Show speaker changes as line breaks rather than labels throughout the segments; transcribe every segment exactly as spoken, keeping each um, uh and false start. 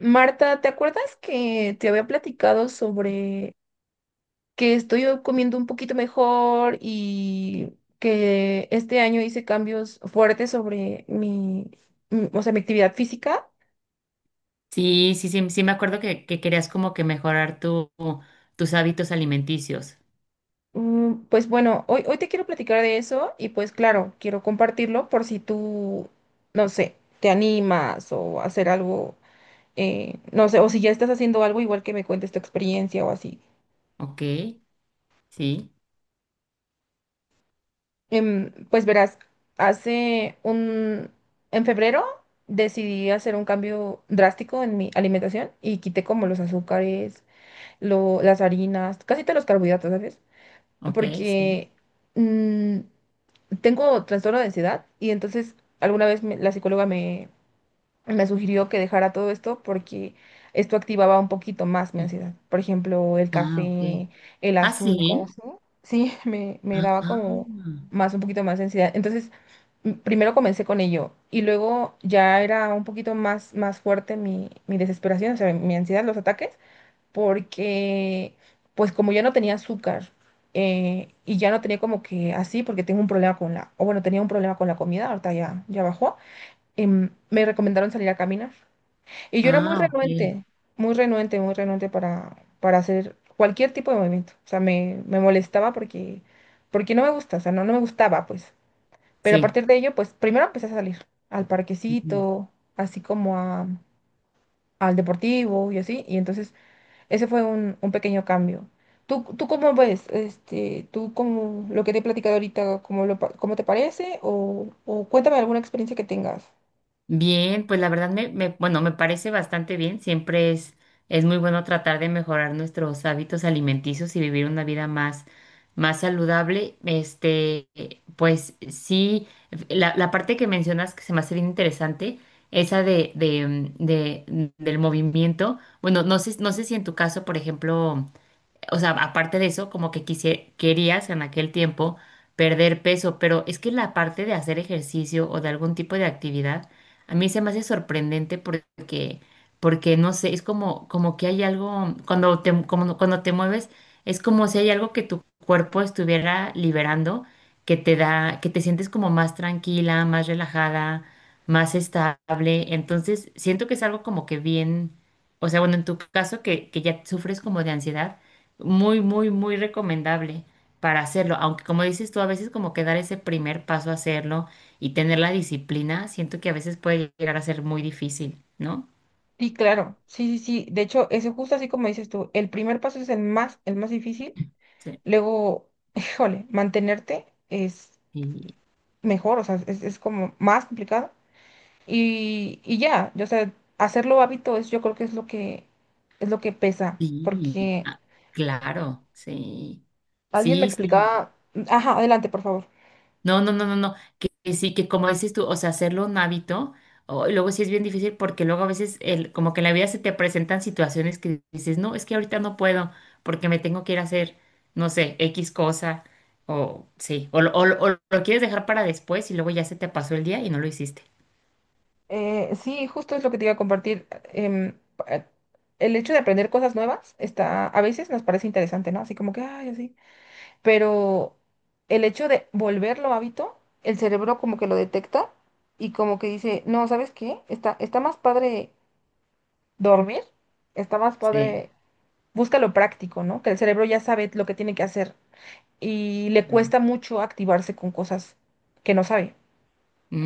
Marta, ¿te acuerdas que te había platicado sobre que estoy comiendo un poquito mejor y que este año hice cambios fuertes sobre mi, mm, o sea, mi actividad física?
Sí, sí, sí, sí me acuerdo que, que querías como que mejorar tu, tus hábitos alimenticios.
Mm, Pues bueno, hoy, hoy te quiero platicar de eso y pues claro, quiero compartirlo por si tú, no sé, te animas o hacer algo, eh, no sé, o si ya estás haciendo algo igual que me cuentes tu experiencia o así.
Ok, sí,
Em, pues verás, hace un... En febrero decidí hacer un cambio drástico en mi alimentación y quité como los azúcares, lo- las harinas, casi todos los carbohidratos, ¿sabes?
ok, sí.
Porque mm, tengo trastorno de ansiedad y entonces alguna vez me- la psicóloga me sugirió que dejara todo esto porque esto activaba un poquito más mi
Mm,
ansiedad. Por ejemplo, el
Ah, ok.
café, el
Ah,
azúcar,
sí.
¿sí? Sí, me, me
Ah,
daba
ah,
como más, un poquito más de ansiedad. Entonces, m- primero comencé con ello y luego ya era un poquito más, más fuerte mi, mi desesperación, o sea, mi ansiedad, los ataques, porque pues como ya no tenía azúcar. Eh, y ya no tenía como que así porque tengo un problema con la, o bueno, tenía un problema con la comida, ahorita ya, ya bajó. Em, me recomendaron salir a caminar. Y yo era muy
ah, ok.
renuente, muy renuente, muy renuente para, para hacer cualquier tipo de movimiento. O sea, me, me molestaba porque, porque no me gusta, o sea, no, no me gustaba, pues. Pero a
Sí.
partir de ello, pues primero empecé a salir al parquecito, así como a- al deportivo y así. Y entonces ese fue un, un pequeño cambio. ¿Tú, tú cómo ves? Este, ¿tú cómo lo que te he platicado ahorita, cómo, lo, pa- cómo te parece? O, o cuéntame alguna experiencia que tengas.
Bien, pues la verdad me, me- bueno, me parece bastante bien. Siempre es, es muy bueno tratar de mejorar nuestros hábitos alimenticios y vivir una vida más, más saludable. Este, eh, pues sí, la, la parte que mencionas que se me hace bien interesante, esa de, de, mm, de- mm, del movimiento. Bueno, no sé, no sé si en tu caso, por ejemplo, o sea, aparte de eso, como que quise- querías en aquel tiempo perder peso, pero es que la parte de hacer ejercicio o de algún tipo de actividad, a mí se me hace sorprendente porque, porque no sé, es como, como que hay algo, cuando te, como- no, cuando te mueves, es como si hay algo que tu cuerpo estuviera liberando, que te da, que te sientes como más tranquila, más relajada, más estable. Entonces, siento que es algo como que bien, o sea, bueno, en tu caso que, que ya sufres como de ansiedad. Muy, muy, muy recomendable para hacerlo. Aunque como dices tú, a veces como que dar ese primer paso a hacerlo y tener la disciplina, siento que a veces puede llegar a ser muy difícil, ¿no?
Sí, claro, sí, sí, sí. De hecho, ese justo así como dices tú, el primer paso es el más, el más difícil.
Sí.
Luego, híjole, mantenerte es
Sí
mejor, o sea, es, es como más complicado. Y, y ya, yo, o sea, hacerlo hábito es, yo creo que es lo que, es lo que pesa,
y-
porque
ah, claro, sí.
alguien me
Sí, sí.
explicaba, ajá, adelante, por favor.
No, no, no, no, no, que, que sí, que como dices tú, o sea, hacerlo un hábito, o- y luego sí es bien difícil porque luego a veces el, como que en la vida se te presentan situaciones que dices, no, es que ahorita no puedo porque me tengo que ir a hacer, no sé, X cosa, o sí, o, lo- o, lo- o lo quieres dejar para después y luego ya se te pasó el día y no lo hiciste.
Eh, sí, justo es lo que te iba a compartir. em, eh, el hecho de aprender cosas nuevas está, a veces nos parece interesante, ¿no? Así como que, ay, así. Pero el hecho de volverlo hábito, el cerebro como que lo detecta y como que dice, no, ¿sabes qué? Está, está más padre dormir, está más
Sí,
padre, busca lo práctico, ¿no? Que el cerebro ya sabe lo que tiene que hacer y le
claro.
cuesta mucho activarse con cosas que no sabe.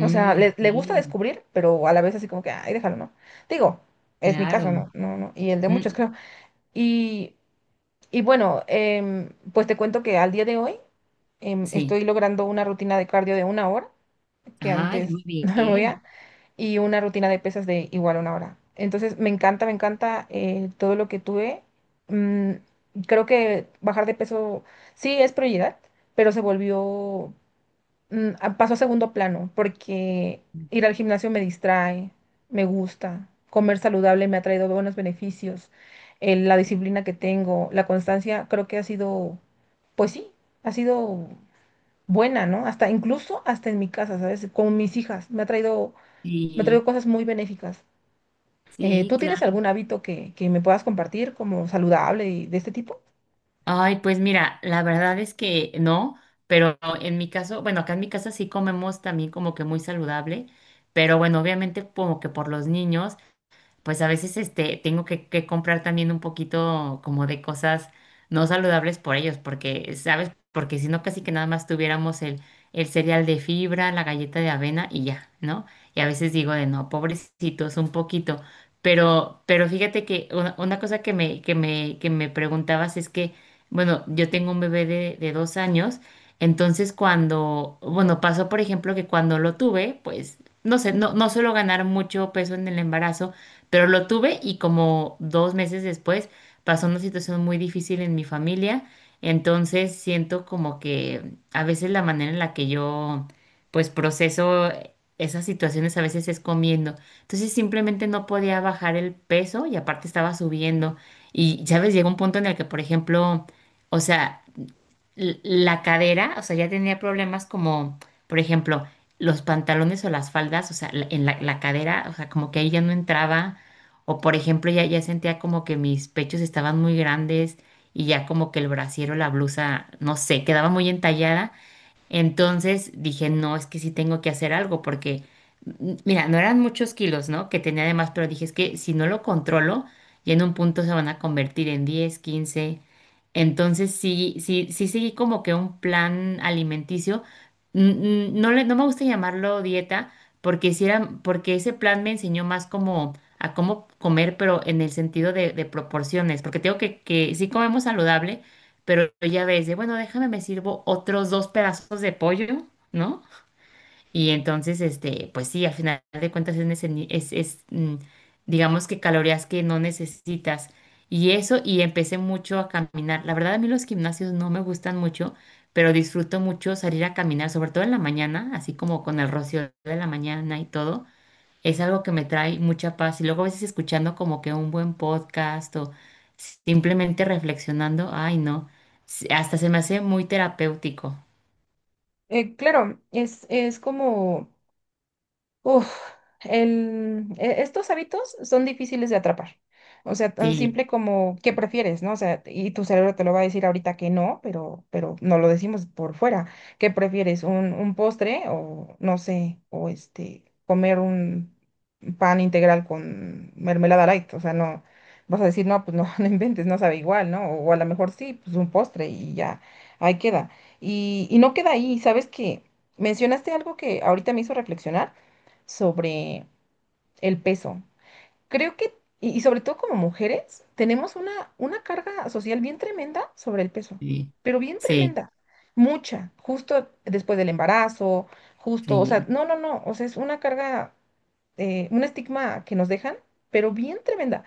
O sea, le,
Ok,
le gusta descubrir, pero a la vez así como que, ay, déjalo, ¿no? Digo, es mi caso,
claro.
¿no? No, no, y el de muchos
Mm,
creo. Y, y bueno, em, pues te cuento que al día de hoy em,
sí,
estoy logrando una rutina de cardio de una hora, que
ay,
antes
muy
no me
bien.
movía, y una rutina de pesas de igual una hora. Entonces, me encanta, me encanta eh, todo lo que tuve. Mm, Creo que bajar de peso sí es prioridad, pero se volvió, mm, a- pasó a segundo plano, porque ir al gimnasio me distrae, me gusta, comer saludable me ha traído buenos beneficios. eh, La disciplina que tengo, la constancia, creo que ha sido pues sí, ha sido buena, ¿no? Hasta incluso hasta en mi casa, ¿sabes? Con mis hijas, me ha traído, me ha
Sí,
traído cosas muy benéficas. Eh,
sí,
¿tú tienes
claro.
algún hábito que, que me puedas compartir como saludable y de este tipo?
Ay, pues mira, la verdad es que no, pero en mi caso, bueno, acá en mi casa sí comemos también como que muy saludable, pero bueno, obviamente como que por los niños pues a veces este, tengo que, que comprar también un poquito como de cosas no saludables por ellos, porque, ¿sabes? Porque si no, casi que nada más tuviéramos el, el cereal de fibra, la galleta de avena y ya, ¿no? Y a veces digo de no, pobrecitos, un poquito. Pero, pero fíjate que una, una cosa que me, que me, que me preguntabas es que, bueno, yo tengo un bebé de, de dos años, entonces cuando, bueno, pasó por ejemplo que cuando lo tuve, pues, no sé, no, no suelo ganar mucho peso en el embarazo, pero lo tuve y como dos meses después pasó una situación muy difícil en mi familia. Entonces siento como que a veces la manera en la que yo pues proceso esas situaciones a veces es comiendo. Entonces simplemente no podía bajar el peso y aparte estaba subiendo. Y, ¿sabes? Llegó un punto en el que, por ejemplo, o sea, l- la cadera, o sea, ya tenía problemas como, por ejemplo, los pantalones o las faldas, o sea, la- en la, la cadera, o sea, como que ahí ya no entraba, o por ejemplo, ya, ya sentía como que mis pechos estaban muy grandes y ya como que el brasier o la blusa, no sé, quedaba muy entallada, entonces dije, no, es que sí tengo que hacer algo porque, m- mira, no eran muchos kilos, ¿no? Que tenía además, pero dije, es que si no lo controlo, ya en un punto se van a convertir en diez, quince. Entonces sí, sí, sí seguí como que un plan alimenticio. N- n- No le, no me gusta llamarlo dieta porque sí, porque ese plan me enseñó más como a cómo comer, pero en el sentido de, de proporciones, porque tengo que, que sí comemos saludable, pero ya ves, de bueno, déjame, me sirvo otros dos pedazos de pollo, ¿no? Y entonces, este, pues sí, al final de cuentas es, nece- ni- es, es, mm, digamos que calorías que no necesitas. Y eso, y empecé mucho a caminar. La verdad, a mí los gimnasios no me gustan mucho, pero disfruto mucho salir a caminar, sobre todo en la mañana, así como con el rocío de la mañana y todo es algo que me trae mucha paz. Y luego a veces escuchando como que un buen podcast o simplemente reflexionando, ay, no, se- hasta se me hace muy terapéutico.
Eh, claro, es, es como... Uf, el, e- estos hábitos son difíciles de atrapar. O sea, tan
Sí,
simple como qué prefieres, ¿no? O sea, y tu cerebro te lo va a decir ahorita que no, pero, pero no lo decimos por fuera. ¿Qué prefieres? ¿Un, un postre o no sé, o este, comer un pan integral con mermelada light? O sea, no, vas a decir, no, pues no, no inventes, no sabe igual, ¿no? O, a lo mejor sí, pues un postre y ya, ahí queda. Y, y no queda ahí, ¿sabes qué? Mencionaste algo que ahorita me hizo reflexionar sobre el peso. Creo que, y, y sobre todo como mujeres, tenemos una, una carga social bien tremenda sobre el peso,
sí,
pero bien
sí,
tremenda, mucha, justo después del embarazo, justo, o sea,
sí,
no, no, no, o sea, es una carga, eh, un estigma que nos dejan, pero bien tremenda.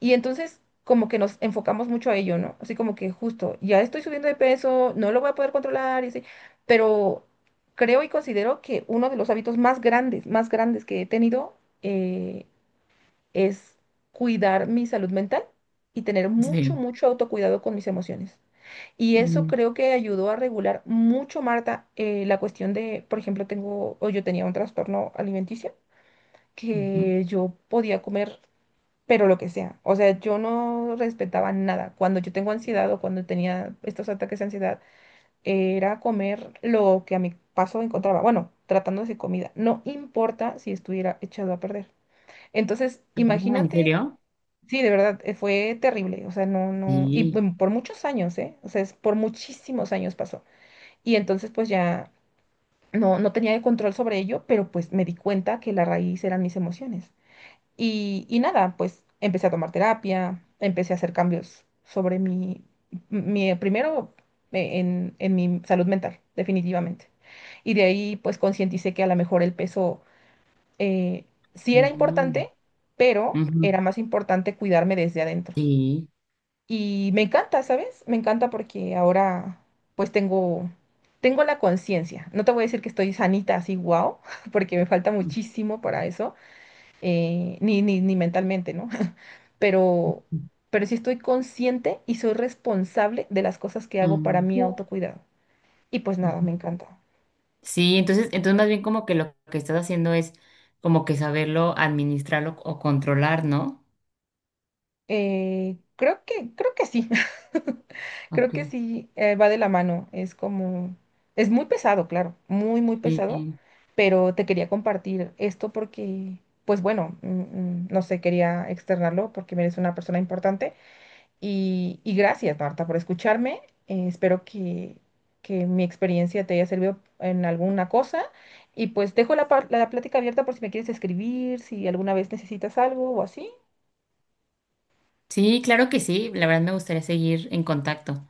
Y entonces como que nos enfocamos mucho a ello, ¿no? Así como que justo, ya estoy subiendo de peso, no lo voy a poder controlar, y así, pero creo y considero que uno de los hábitos más grandes, más grandes que he tenido eh, es cuidar mi salud mental y tener mucho,
sí.
mucho autocuidado con mis emociones. Y eso
Mm,
creo que ayudó a regular mucho, Marta, eh, la cuestión de, por ejemplo, tengo, o yo tenía un trastorno alimenticio,
ujú.
que yo podía comer pero lo que sea. O sea, yo no respetaba nada. Cuando yo tengo ansiedad o cuando tenía estos ataques de ansiedad, era comer lo que a mi paso encontraba. Bueno, tratándose de comida. No importa si estuviera echado a perder. Entonces,
Ah, ¿en
imagínate,
serio?
sí, de verdad, eh, fue terrible. O sea, no, no. Y
Sí,
bueno, por muchos años, ¿eh? O sea, es por muchísimos años pasó. Y entonces, pues ya. No, no tenía el control sobre ello, pero pues me di cuenta que la raíz eran mis emociones. Y, y nada, pues empecé a tomar terapia, empecé a hacer cambios sobre mi, mi primero eh, en, en mi salud mental, definitivamente. Y de ahí pues concienticé que a lo mejor el peso eh, sí era
mm,
importante, pero
ujú.
era más importante cuidarme desde adentro.
Sí,
Y me encanta, ¿sabes? Me encanta porque ahora pues tengo, tengo la conciencia. No te voy a decir que estoy sanita así, wow, porque me falta
mm,
muchísimo para eso, eh, ni, ni, ni mentalmente, ¿no? pero,
ujú,
pero sí estoy consciente y soy responsable de las cosas que hago para
mm,
mi autocuidado. Y pues nada,
ujú.
me encanta.
Sí, entonces, entonces más bien como que lo que estás haciendo es como que saberlo administrarlo o controlar, ¿no?
Eh, creo que, creo que sí. Creo
Ok,
que sí, eh, va de la mano. Es como, es muy pesado, claro, muy, muy pesado,
sí.
pero te quería compartir esto porque, pues bueno, mm, mm, no sé, quería externarlo porque eres una persona importante. Y, y gracias, Marta, por escucharme. Eh, espero que, que mi experiencia te haya servido en alguna cosa. Y pues dejo la, par- la plática abierta por si me quieres escribir, si alguna vez necesitas algo o así.
Sí, claro que sí. La verdad me gustaría seguir en contacto.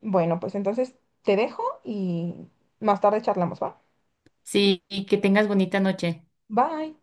Bueno, pues entonces te dejo y más tarde charlamos, ¿va?
Sí, y que tengas bonita noche.
Bye.